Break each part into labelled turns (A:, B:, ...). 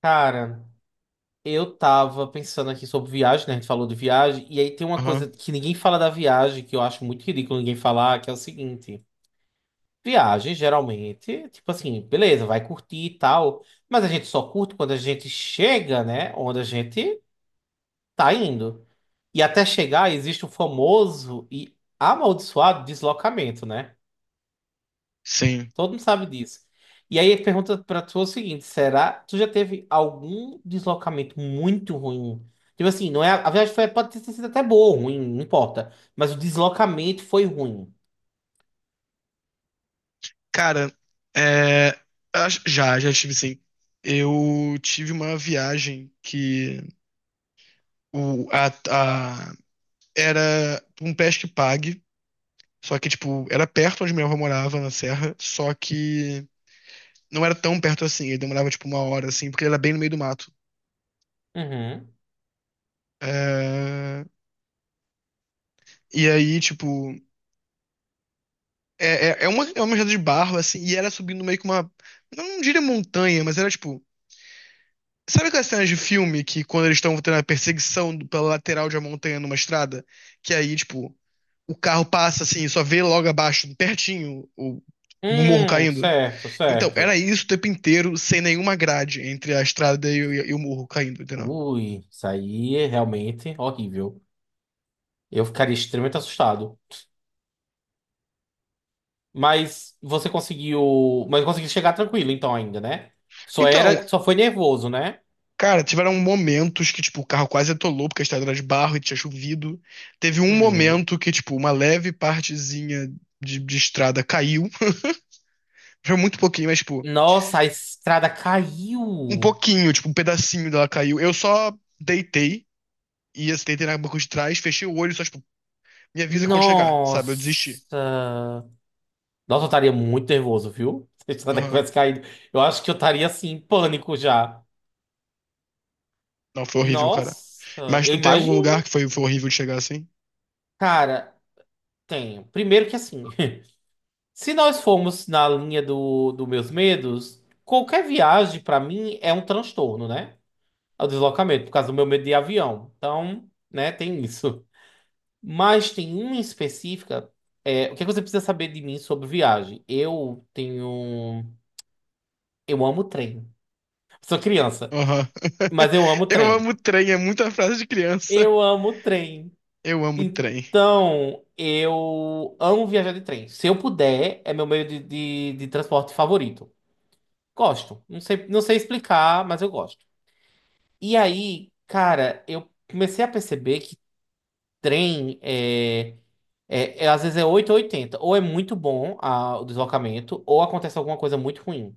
A: Cara, eu tava pensando aqui sobre viagem, né? A gente falou de viagem, e aí tem uma coisa
B: Aham,
A: que ninguém fala da viagem, que eu acho muito ridículo ninguém falar, que é o seguinte: viagem, geralmente, tipo assim, beleza, vai curtir e tal, mas a gente só curte quando a gente chega, né? Onde a gente tá indo. E até chegar, existe o famoso e amaldiçoado deslocamento, né?
B: sim.
A: Todo mundo sabe disso. E aí ele pergunta pra tu é o seguinte: será tu já teve algum deslocamento muito ruim? Tipo assim, não é, a viagem foi, pode ter sido até boa ou ruim, não importa. Mas o deslocamento foi ruim.
B: Cara, é, já tive sim. Eu tive uma viagem que o, a, a- era um pesque pague, só que, tipo, era perto onde minha avó morava, na serra, só que não era tão perto assim, ele demorava, tipo, uma hora, assim, porque ele era bem no meio do mato.
A: Uhum.
B: É, e aí, tipo, é uma estrada de barro, assim, e era subindo meio que uma, não diria montanha, mas era, tipo, sabe aquelas cenas de filme que quando eles estão tendo a pela lateral de uma montanha numa estrada, que aí, tipo, o carro passa assim, e só vê logo abaixo, pertinho, o morro caindo?
A: Certo,
B: Então, era
A: certo.
B: isso o tempo inteiro, sem nenhuma grade entre a estrada e o morro caindo, entendeu?
A: Ui, isso aí é realmente horrível. Eu ficaria extremamente assustado. Mas você conseguiu. Mas conseguiu chegar tranquilo, então, ainda, né? Só
B: Então,
A: era. Só foi nervoso, né?
B: cara, tiveram momentos que, tipo, o carro quase atolou porque a estrada era de barro e tinha chovido. Teve um
A: Uhum.
B: momento que, tipo, uma leve partezinha de estrada caiu. Foi muito pouquinho, mas, tipo.
A: Nossa, a estrada
B: Um
A: caiu.
B: pouquinho, tipo, um pedacinho dela caiu. Eu só deitei e assim, deitei na banca de trás, fechei o olho, e só, tipo, me avisa quando chegar, sabe? Eu desisti.
A: Nossa! Nossa, eu estaria muito nervoso, viu? Se isso até
B: Aham.
A: tivesse caído, eu acho que eu estaria assim, em pânico já.
B: Não, foi horrível, cara.
A: Nossa,
B: Mas
A: eu
B: tu tem algum
A: imagino.
B: lugar que foi, foi horrível de chegar assim?
A: Cara, tenho. Primeiro que assim, se nós formos na linha do meus medos, qualquer viagem pra mim é um transtorno, né? É o deslocamento, por causa do meu medo de avião. Então, né, tem isso. Mas tem uma em específica. O que é que você precisa saber de mim sobre viagem? Eu tenho. Eu amo trem. Sou criança.
B: Aham.
A: Mas eu amo
B: Eu
A: trem.
B: amo trem, é muita frase de criança.
A: Eu amo trem.
B: Eu amo trem.
A: Então, eu amo viajar de trem. Se eu puder, é meu meio de transporte favorito. Gosto. Não sei explicar, mas eu gosto. E aí, cara, eu comecei a perceber que trem é. Às vezes é oito ou oitenta. Ou é muito bom o deslocamento, ou acontece alguma coisa muito ruim.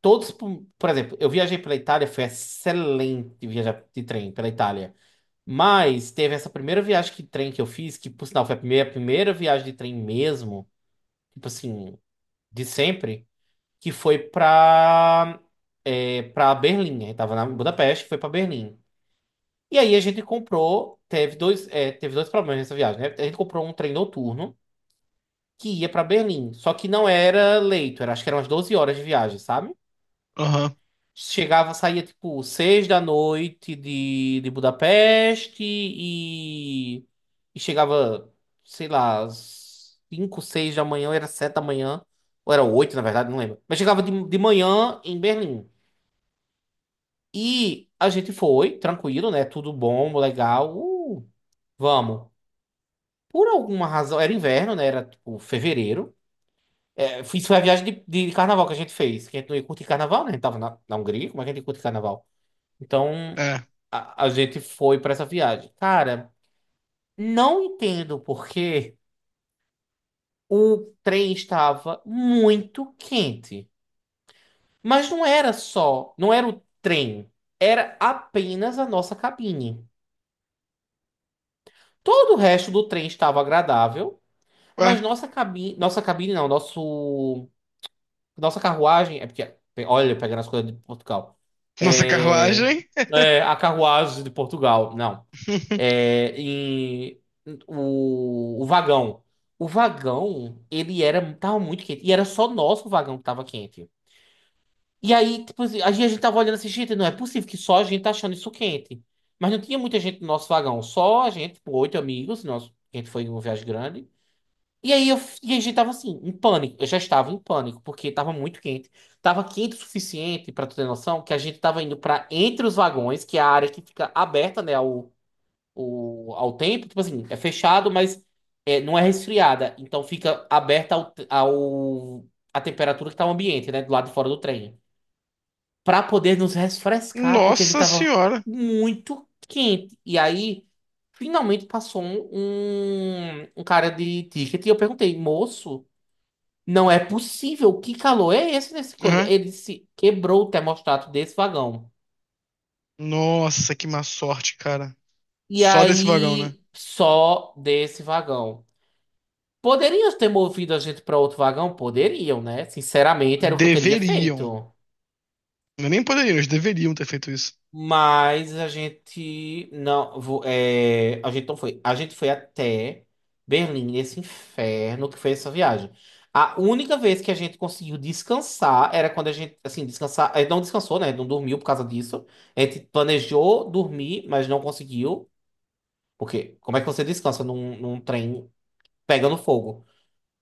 A: Todos, por exemplo, eu viajei pela Itália, foi excelente viajar de trem pela Itália. Mas teve essa primeira viagem que trem que eu fiz, que por sinal foi a primeira viagem de trem mesmo, tipo assim, de sempre, que foi pra Berlim. Aí tava na em Budapeste, foi pra Berlim. E aí a gente comprou, teve dois, é, teve dois problemas nessa viagem, né? A gente comprou um trem noturno que ia pra Berlim, só que não era leito, era, acho que eram umas 12 horas de viagem, sabe?
B: Aham.
A: Chegava, saía tipo 6 da noite de Budapeste e chegava, sei lá, cinco, seis da manhã, ou era 7 da manhã, ou era oito, na verdade, não lembro. Mas chegava de manhã em Berlim. E a gente foi, tranquilo, né? Tudo bom, legal. Vamos. Por alguma razão, era inverno, né? Era tipo fevereiro. É, isso foi a viagem de carnaval que a gente fez curtir carnaval, né? A gente tava na Hungria, como é que a gente ia curtir carnaval? Então
B: É.
A: a gente foi pra essa viagem. Cara, não entendo porque o trem estava muito quente. Mas não era só, não era o trem, era apenas a nossa cabine. Todo o resto do trem estava agradável,
B: Ué,
A: mas nossa cabine não, nosso, nossa carruagem, é porque, olha, pegando as coisas de Portugal.
B: nossa
A: É,
B: carruagem?
A: é a carruagem de Portugal, não. Em o vagão. O vagão, ele era, tava muito quente. E era só nosso vagão que tava quente. E aí, tipo, assim, a gente tava olhando assim, gente, não é possível que só a gente tá achando isso quente. Mas não tinha muita gente no nosso vagão, só a gente, tipo, oito amigos, nosso, a gente foi em uma viagem grande. E aí, e a gente tava assim, em pânico. Eu já estava em pânico, porque tava muito quente. Tava quente o suficiente, pra tu ter noção, que a gente tava indo pra entre os vagões, que é a área que fica aberta, né, ao tempo, tipo assim, é fechado, mas não é resfriada. Então fica aberta à temperatura que tá o ambiente, né? Do lado de fora do trem. Pra poder nos refrescar, porque a gente
B: Nossa
A: tava
B: senhora.
A: muito quente. E aí, finalmente passou um cara de ticket e eu perguntei, moço, não é possível, que calor é esse nessa coisa?
B: Aham.
A: Ele disse, quebrou o termostato desse vagão.
B: Nossa, que má sorte, cara.
A: E
B: Só desse vagão, né?
A: aí, só desse vagão. Poderiam ter movido a gente para outro vagão? Poderiam, né? Sinceramente, era o que eu teria
B: Deveriam.
A: feito.
B: Não é nem poderiam, eles deveriam ter feito isso.
A: Mas a gente não, a gente não foi. A gente foi até Berlim, nesse inferno que foi essa viagem. A única vez que a gente conseguiu descansar era quando a gente, assim, descansar, a gente não descansou, né? Não dormiu por causa disso. A gente planejou dormir, mas não conseguiu. Porque como é que você descansa num trem pegando fogo?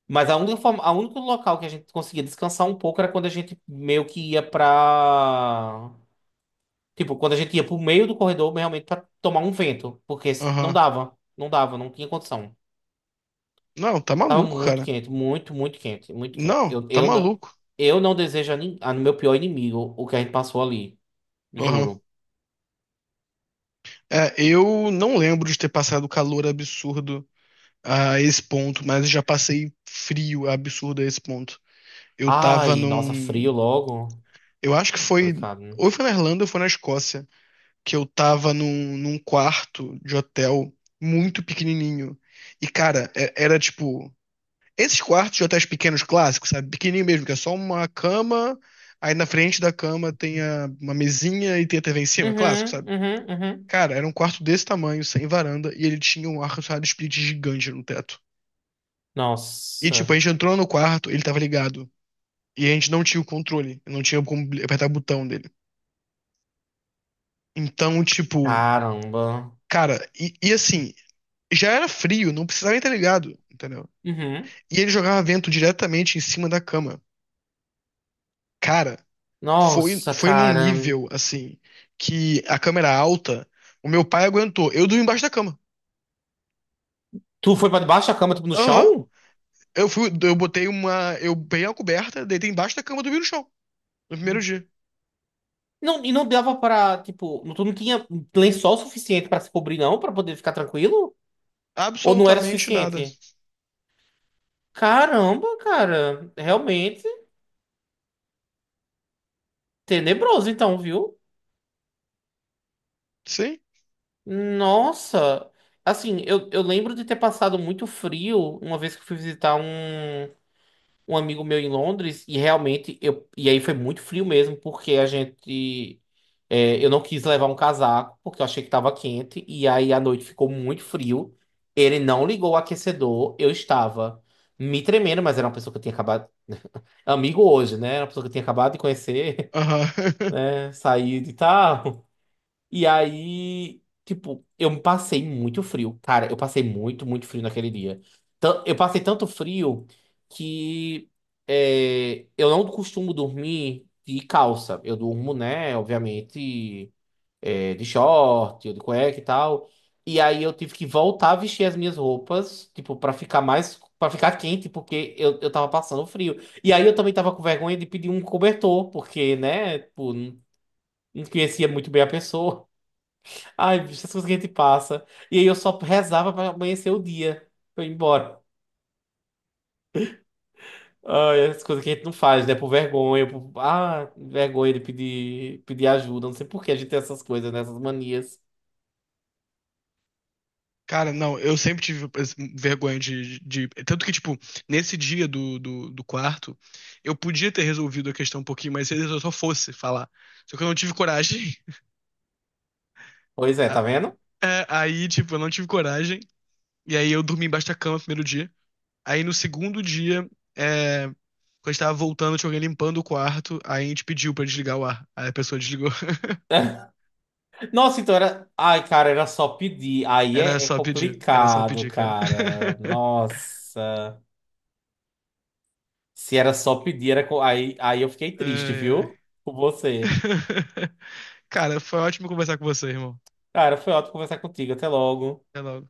A: Mas a única forma, a único local que a gente conseguia descansar um pouco era quando a gente meio que ia pra. Tipo, quando a gente ia pro meio do corredor, realmente pra tomar um vento. Porque não
B: Aham.
A: dava, não dava, não tinha condição.
B: Não, tá
A: Tava
B: maluco, cara.
A: muito quente, muito quente.
B: Não,
A: Eu,
B: tá
A: eu não,
B: maluco.
A: eu não desejo a no meu pior inimigo o que a gente passou ali.
B: Aham.
A: Juro.
B: É, eu não lembro de ter passado calor absurdo a esse ponto, mas já passei frio absurdo a esse ponto. Eu tava
A: Ai, nossa,
B: num.
A: frio logo.
B: Eu acho que foi.
A: Complicado, né?
B: Ou foi na Irlanda ou foi na Escócia, que eu tava num quarto de hotel muito pequenininho. E, cara, era tipo. Esses quartos de hotéis pequenos clássicos, sabe? Pequenininho mesmo, que é só uma cama, aí na frente da cama uma mesinha e tem a TV em cima, clássico,
A: Uhum,
B: sabe?
A: uhum, uhum.
B: Cara, era um quarto desse tamanho, sem varanda, e ele tinha um ar-condicionado split gigante no teto. E tipo,
A: Nossa,
B: a gente entrou no quarto, ele tava ligado, e a gente não tinha o controle, não tinha como apertar o botão dele. Então, tipo,
A: caramba.
B: cara, e assim, já era frio, não precisava nem estar ligado, entendeu?
A: Uhum.
B: E ele jogava vento diretamente em cima da cama. Cara, foi,
A: Nossa,
B: foi num
A: cara.
B: nível, assim, que a câmera alta, o meu pai aguentou. Eu dormi embaixo da cama.
A: Tu foi pra debaixo da cama, tipo, no
B: Aham.
A: chão?
B: Eu fui, eu botei uma, eu peguei uma coberta, deitei embaixo da cama, e dormi no chão, no primeiro dia.
A: Não, e não dava pra, tipo, tu não tinha lençol suficiente pra se cobrir, não, pra poder ficar tranquilo? Ou não era
B: Absolutamente nada.
A: suficiente? Caramba, cara, realmente tenebroso, então, viu?
B: Sim?
A: Nossa, assim, eu lembro de ter passado muito frio uma vez que eu fui visitar Um. Amigo meu em Londres e realmente eu e aí foi muito frio mesmo porque eu não quis levar um casaco porque eu achei que estava quente e aí a noite ficou muito frio. Ele não ligou o aquecedor, eu estava me tremendo, mas era uma pessoa que eu tinha acabado amigo hoje, né? Era uma pessoa que eu tinha acabado de conhecer,
B: Aham.
A: né? Saído e tal. E aí, tipo, eu me passei muito frio. Cara, eu passei muito, muito frio naquele dia. Eu passei tanto frio que eu não costumo dormir de calça. Eu durmo, né, obviamente, de short, ou de cueca e tal. E aí eu tive que voltar a vestir as minhas roupas, tipo, pra ficar mais, para ficar quente, porque eu tava passando frio. E aí eu também tava com vergonha de pedir um cobertor, porque, né, tipo, não conhecia muito bem a pessoa. Ai, bicho, essas coisas que a gente passa. E aí eu só rezava pra amanhecer o dia, pra eu ir embora. Ai, essas coisas que a gente não faz, né? Por vergonha, por... Ah, vergonha de pedir ajuda. Não sei por que a gente tem essas coisas, né? Essas manias.
B: Cara, não, eu sempre tive assim, vergonha de, tanto que, tipo, nesse dia do quarto, eu podia ter resolvido a questão um pouquinho mais cedo se eu só fosse falar. Só que eu não tive coragem.
A: Pois é, tá
B: A-
A: vendo?
B: Aí, tipo, eu não tive coragem. E aí eu dormi embaixo da cama no primeiro dia. Aí no segundo dia, quando a gente tava voltando, tinha alguém limpando o quarto. Aí a gente pediu pra desligar o ar. Aí a pessoa desligou.
A: Nossa, então era... Ai, cara, era só pedir. Aí é
B: Era só
A: complicado,
B: pedir, cara.
A: cara. Nossa. Se era só pedir, era... aí eu fiquei triste,
B: Ai, ai.
A: viu? Com você.
B: Cara, foi ótimo conversar com você, irmão.
A: Cara, foi ótimo conversar contigo. Até logo.
B: Até logo.